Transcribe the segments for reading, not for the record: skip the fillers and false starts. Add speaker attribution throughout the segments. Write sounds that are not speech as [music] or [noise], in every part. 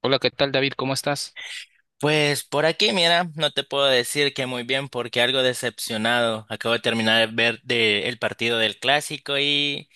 Speaker 1: Hola, ¿qué tal, David? ¿Cómo estás?
Speaker 2: Pues por aquí, mira, no te puedo decir que muy bien porque algo decepcionado. Acabo de terminar de ver el partido del clásico y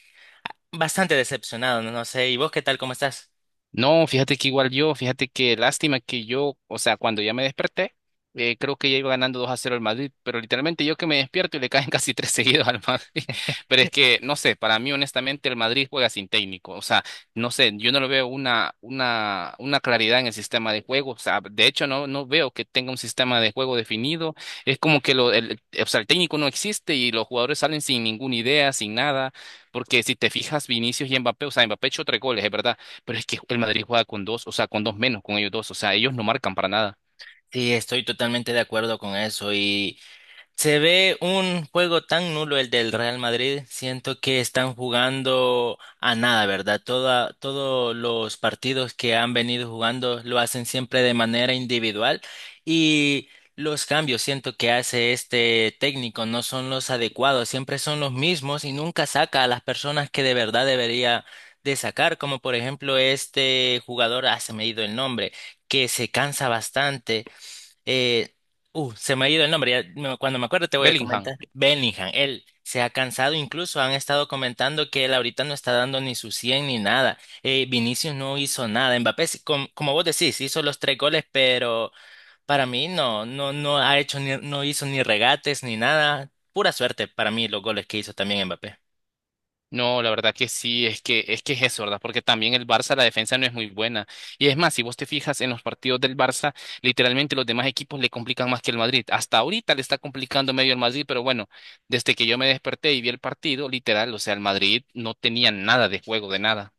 Speaker 2: bastante decepcionado, no sé. ¿Y vos qué tal? ¿Cómo estás?
Speaker 1: No, fíjate que igual yo, fíjate que lástima que yo, o sea, cuando ya me desperté, creo que ya iba ganando 2-0 el Madrid, pero literalmente yo que me despierto y le caen [laughs] casi tres seguidos al Madrid. [laughs] Pero es que, no sé, para mí honestamente el Madrid juega sin técnico, o sea, no sé, yo no le veo una claridad en el sistema de juego, o sea, de hecho no veo que tenga un sistema de juego definido, es como que o sea, el técnico no existe y los jugadores salen sin ninguna idea, sin nada, porque si te fijas, Vinicius y Mbappé, o sea, Mbappé echó tres goles, es verdad, pero es que el Madrid juega con dos, o sea, con dos menos, con ellos dos, o sea, ellos no marcan para nada.
Speaker 2: Sí, estoy totalmente de acuerdo con eso. Y Se ve un juego tan nulo el del Real Madrid. Siento que están jugando a nada, ¿verdad? Todos los partidos que han venido jugando lo hacen siempre de manera individual, y los cambios siento que hace este técnico no son los adecuados, siempre son los mismos y nunca saca a las personas que de verdad debería de sacar, como por ejemplo este jugador, ah, se me ha ido el nombre, que se cansa bastante. eh, Se me ha ido el nombre, ya cuando me acuerdo te voy a
Speaker 1: Bellingham.
Speaker 2: comentar. Bellingham, él se ha cansado, incluso han estado comentando que él ahorita no está dando ni su 100 ni nada. Vinicius no hizo nada. Mbappé, sí, como vos decís, hizo los tres goles, pero para mí no ha hecho ni, no hizo ni regates ni nada. Pura suerte para mí los goles que hizo también Mbappé.
Speaker 1: No, la verdad que sí, es que es eso, ¿verdad? Porque también el Barça, la defensa no es muy buena. Y es más, si vos te fijas en los partidos del Barça, literalmente los demás equipos le complican más que el Madrid. Hasta ahorita le está complicando medio el Madrid, pero bueno, desde que yo me desperté y vi el partido, literal, o sea, el Madrid no tenía nada de juego, de nada.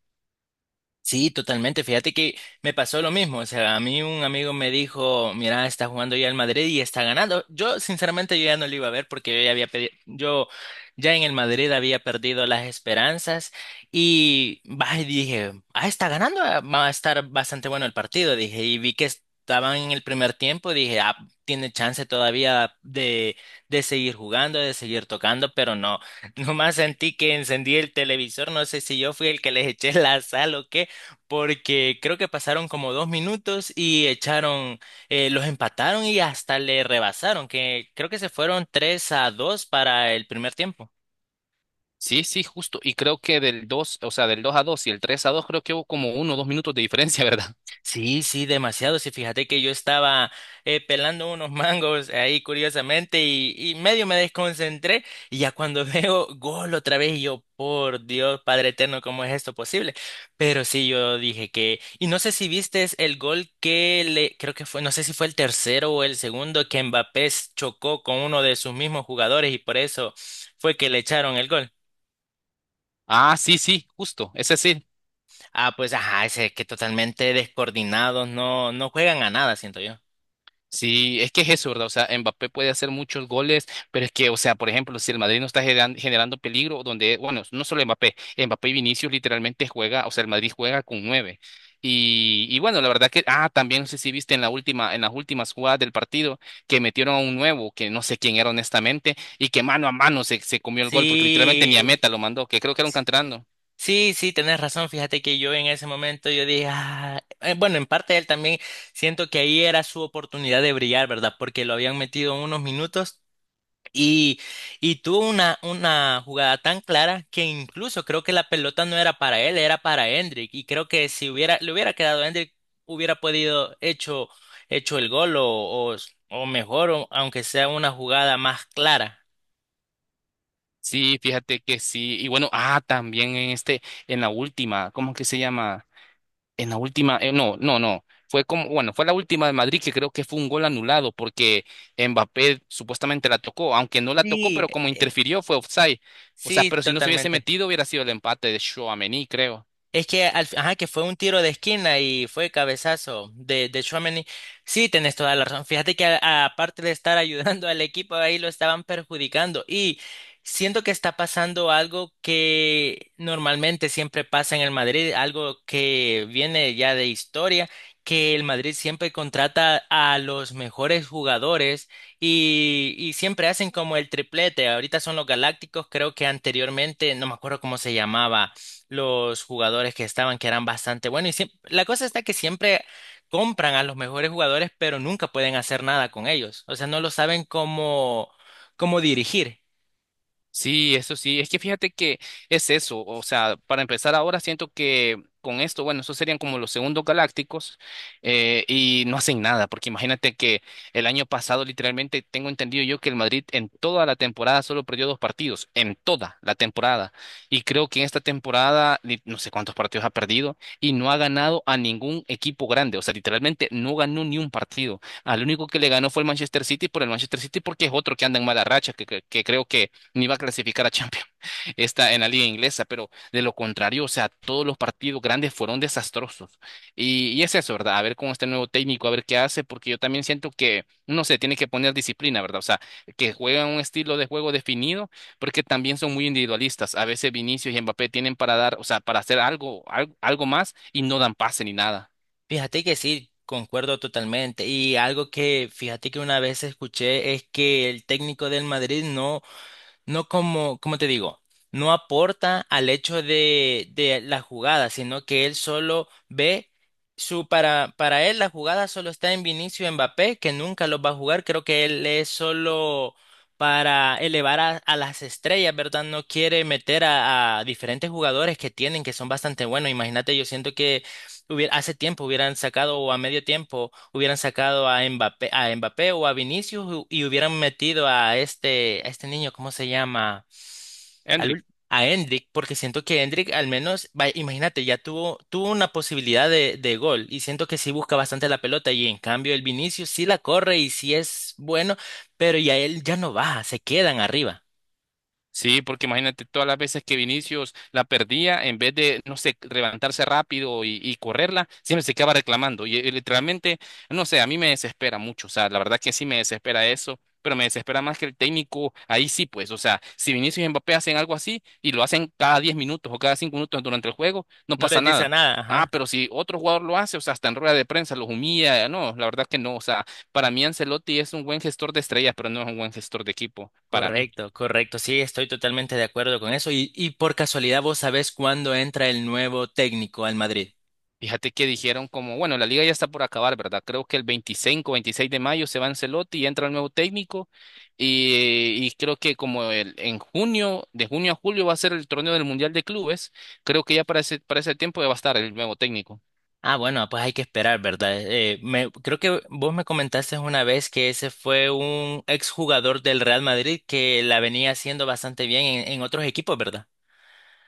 Speaker 2: Sí, totalmente. Fíjate que me pasó lo mismo. O sea, a mí un amigo me dijo, mira, está jugando ya el Madrid y está ganando. Yo, sinceramente, yo ya no lo iba a ver porque yo ya había yo ya en el Madrid había perdido las esperanzas y bah, y dije, ah, está ganando, ah, va a estar bastante bueno el partido. Dije, y vi que estaban en el primer tiempo, dije, ah, tiene chance todavía de seguir jugando, de seguir tocando, pero no. [laughs] Nomás sentí que encendí el televisor, no sé si yo fui el que les eché la sal o qué, porque creo que pasaron como dos minutos y echaron, los empataron y hasta le rebasaron, que creo que se fueron 3 a 2 para el primer tiempo.
Speaker 1: Sí, sí, justo. Y creo que del 2, o sea, del 2-2 y el 3-2 creo que hubo como 1 o 2 minutos de diferencia, [laughs] ¿verdad?
Speaker 2: Sí, sí, demasiado. Sí, fíjate que yo estaba pelando unos mangos ahí curiosamente y medio me desconcentré, y ya cuando [laughs] veo gol otra vez y yo, por Dios, Padre Eterno, ¿cómo es esto posible? Pero sí, yo dije que, y no sé si viste el gol que le, creo que fue, no sé si fue el tercero o el segundo, que Mbappé chocó con uno de sus mismos jugadores y por eso fue que le echaron el gol.
Speaker 1: Ah, sí, sí, justo. Ese sí.
Speaker 2: Ah, pues ajá, ese que totalmente descoordinados, no, no juegan a nada, siento yo.
Speaker 1: Sí, es que es eso, ¿verdad? O sea, Mbappé puede hacer muchos goles, pero es que, o sea, por ejemplo, si el Madrid no está generando peligro, donde, bueno, no solo Mbappé, Mbappé y Vinicius literalmente juega, o sea, el Madrid juega con nueve. Y bueno, la verdad que, también no sé si viste en las últimas jugadas del partido que metieron a un nuevo, que no sé quién era honestamente, y que mano a mano se comió el gol, porque
Speaker 2: Sí,
Speaker 1: literalmente ni a meta lo mandó, que creo que era un canterano.
Speaker 2: sí, sí, tenés razón. Fíjate que yo en ese momento yo dije, "Ah", bueno, en parte él también siento que ahí era su oportunidad de brillar, ¿verdad? Porque lo habían metido unos minutos y, y tuvo una jugada tan clara que incluso creo que la pelota no era para él, era para Hendrik. Y creo que si hubiera, le hubiera quedado a Hendrik, hubiera podido hecho el gol o, o mejor, aunque sea una jugada más clara.
Speaker 1: Sí, fíjate que sí. Y bueno, también en la última, ¿cómo que se llama? En la última, no, no, no. Fue como, bueno, fue la última de Madrid que creo que fue un gol anulado porque Mbappé supuestamente la tocó, aunque no la tocó,
Speaker 2: Sí,
Speaker 1: pero como interfirió fue offside. O sea,
Speaker 2: sí,
Speaker 1: pero si no se hubiese
Speaker 2: totalmente.
Speaker 1: metido hubiera sido el empate de Tchouaméni, creo.
Speaker 2: Es que, al ajá, que fue un tiro de esquina y fue cabezazo de Tchouaméni. Sí, tenés toda la razón. Fíjate que aparte de estar [laughs] ayudando al equipo, ahí lo estaban perjudicando. Y siento que está pasando algo que normalmente siempre pasa en el Madrid, algo que viene ya de historia, que el Madrid siempre contrata a los mejores jugadores, y siempre hacen como el triplete. Ahorita son los Galácticos, creo que anteriormente no me acuerdo cómo se llamaba los jugadores que estaban, que eran bastante buenos. Y la cosa está que siempre compran a los mejores jugadores, pero nunca pueden hacer nada con ellos. O sea, no lo saben cómo dirigir.
Speaker 1: Sí, eso sí, es que fíjate que es eso, o sea, para empezar ahora siento que con esto, bueno, esos serían como los segundos galácticos, y no hacen nada, porque imagínate que el año pasado literalmente tengo entendido yo que el Madrid en toda la temporada solo perdió dos partidos, en toda la temporada, y creo que en esta temporada no sé cuántos partidos ha perdido y no ha ganado a ningún equipo grande, o sea, literalmente no ganó ni un partido, al único que le ganó fue el Manchester City por el Manchester City porque es otro que anda en mala racha, que creo que ni va a clasificar a Champions, [laughs] está en la liga inglesa, pero de lo contrario, o sea, todos los partidos grandes fueron desastrosos. Y es eso, ¿verdad? A ver con este nuevo técnico, a ver qué hace, porque yo también siento que no se tiene que poner disciplina, ¿verdad? O sea, que juegan un estilo de juego definido, porque también son muy individualistas. A veces Vinicius y Mbappé tienen para dar, o sea, para hacer algo, algo, algo más y no dan pase ni nada.
Speaker 2: Fíjate que sí, concuerdo totalmente. Y algo que fíjate que una vez escuché es que el técnico del Madrid no. No como, como te digo, no aporta al hecho de la jugada, sino que él solo ve su, para él la jugada solo está en Vinicius y Mbappé, que nunca los va a jugar. Creo que él es solo para elevar a las estrellas, ¿verdad? No quiere meter a diferentes jugadores que tienen, que son bastante buenos. Imagínate, yo siento que hubiera, hace tiempo hubieran sacado o a medio tiempo hubieran sacado a Mbappé o a Vinicius, y hubieran metido a este niño, ¿cómo se llama? Al
Speaker 1: Hendrik.
Speaker 2: ul- a Endrick, porque siento que Endrick al menos, imagínate, ya tuvo, tuvo una posibilidad de gol, y siento que sí busca bastante la pelota, y en cambio el Vinicius sí la corre y sí es bueno, pero ya él ya no baja, se quedan arriba.
Speaker 1: Sí, porque imagínate todas las veces que Vinicius la perdía, en vez de, no sé, levantarse rápido y correrla, siempre se acaba reclamando. Y literalmente, no sé, a mí me desespera mucho. O sea, la verdad que sí me desespera eso, pero me desespera más que el técnico. Ahí sí, pues, o sea, si Vinicius y Mbappé hacen algo así y lo hacen cada 10 minutos o cada 5 minutos durante el juego, no
Speaker 2: No les
Speaker 1: pasa
Speaker 2: dice
Speaker 1: nada.
Speaker 2: nada,
Speaker 1: Ah,
Speaker 2: ajá.
Speaker 1: pero si otro jugador lo hace, o sea, hasta en rueda de prensa los humilla. No, la verdad que no. O sea, para mí Ancelotti es un buen gestor de estrellas, pero no es un buen gestor de equipo, para mí.
Speaker 2: Correcto, correcto. Sí, estoy totalmente de acuerdo con eso. Y por casualidad, ¿vos sabés cuándo entra el nuevo técnico al Madrid?
Speaker 1: Fíjate que dijeron como, bueno, la liga ya está por acabar, ¿verdad? Creo que el 25-26 de mayo se va Ancelotti y entra el nuevo técnico y creo que en junio, de junio a julio va a ser el torneo del Mundial de Clubes, creo que ya para ese tiempo ya va a estar el nuevo técnico.
Speaker 2: Ah, bueno, pues hay que esperar, ¿verdad? Creo que vos me comentaste una vez que ese fue un exjugador del Real Madrid que la venía haciendo bastante bien en otros equipos, ¿verdad?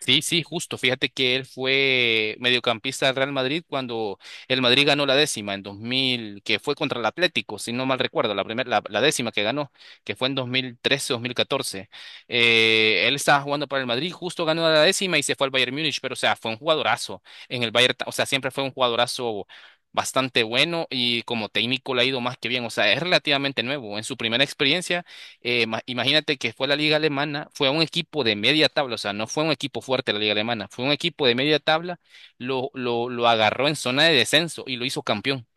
Speaker 1: Sí, sí, justo. Fíjate que él fue mediocampista del Real Madrid cuando el Madrid ganó la décima en 2000, que fue contra el Atlético, si no mal recuerdo, la primera, la décima que ganó, que fue en 2013-2014. Él estaba jugando para el Madrid, justo ganó la décima y se fue al Bayern Múnich, pero o sea, fue un jugadorazo en el Bayern, o sea, siempre fue un jugadorazo bastante bueno y como técnico le ha ido más que bien, o sea, es relativamente nuevo. En su primera experiencia imagínate que fue la liga alemana, fue un equipo de media tabla, o sea, no fue un equipo fuerte la liga alemana, fue un equipo de media tabla, lo agarró en zona de descenso y lo hizo campeón.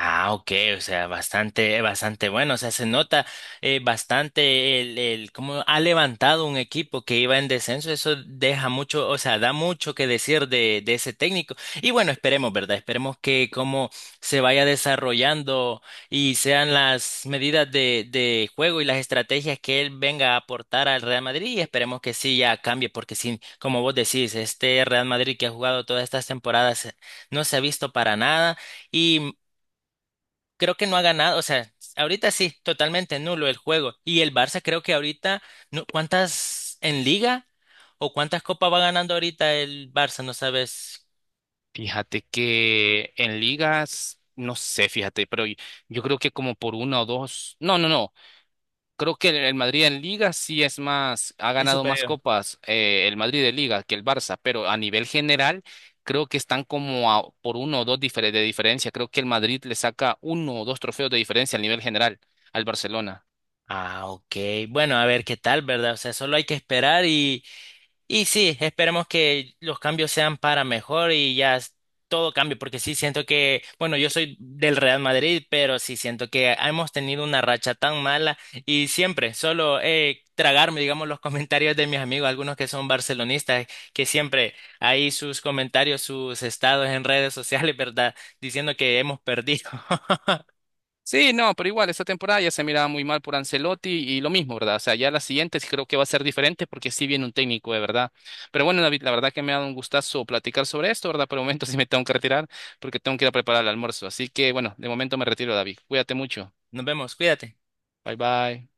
Speaker 2: Ah, ok, o sea, bastante, bastante bueno, o sea, se nota bastante el cómo ha levantado un equipo que iba en descenso, eso deja mucho, o sea, da mucho que decir de ese técnico. Y bueno, esperemos, ¿verdad? Esperemos que cómo se vaya desarrollando, y sean las medidas de juego y las estrategias que él venga a aportar al Real Madrid, y esperemos que sí ya cambie, porque sí, como vos decís, este Real Madrid que ha jugado todas estas temporadas no se ha visto para nada. Y creo que no ha ganado, o sea, ahorita sí, totalmente nulo el juego. Y el Barça creo que ahorita, ¿cuántas en liga o cuántas copas va ganando ahorita el Barça? No sabes.
Speaker 1: Fíjate que en ligas, no sé, fíjate, pero yo creo que como por una o dos, no, no, no. Creo que el Madrid en Liga sí es más, ha
Speaker 2: El
Speaker 1: ganado más
Speaker 2: superior.
Speaker 1: copas, el Madrid de Liga que el Barça, pero a nivel general creo que están como por uno o dos de diferencia. Creo que el Madrid le saca uno o dos trofeos de diferencia a nivel general al Barcelona.
Speaker 2: Ah, ok. Bueno, a ver qué tal, ¿verdad? O sea, solo hay que esperar. Y sí, esperemos que los cambios sean para mejor y ya todo cambie, porque sí siento que, bueno, yo soy del Real Madrid, pero sí siento que hemos tenido una racha tan mala, y siempre solo tragarme, digamos, los [laughs] comentarios de mis amigos, algunos que son barcelonistas, que siempre hay sus comentarios, sus estados en redes sociales, [laughs] ¿verdad? Diciendo que hemos perdido. [laughs]
Speaker 1: Sí, no, pero igual, esta temporada ya se miraba muy mal por Ancelotti y lo mismo, ¿verdad? O sea, ya las siguientes creo que va a ser diferente porque sí viene un técnico, de verdad. Pero bueno, David, la verdad que me ha dado un gustazo platicar sobre esto, ¿verdad? Por el momento [laughs] sí me tengo que retirar porque tengo que ir a preparar el almuerzo. Así que bueno, de momento me retiro, David. Cuídate mucho.
Speaker 2: Nos vemos, cuídate.
Speaker 1: Bye bye.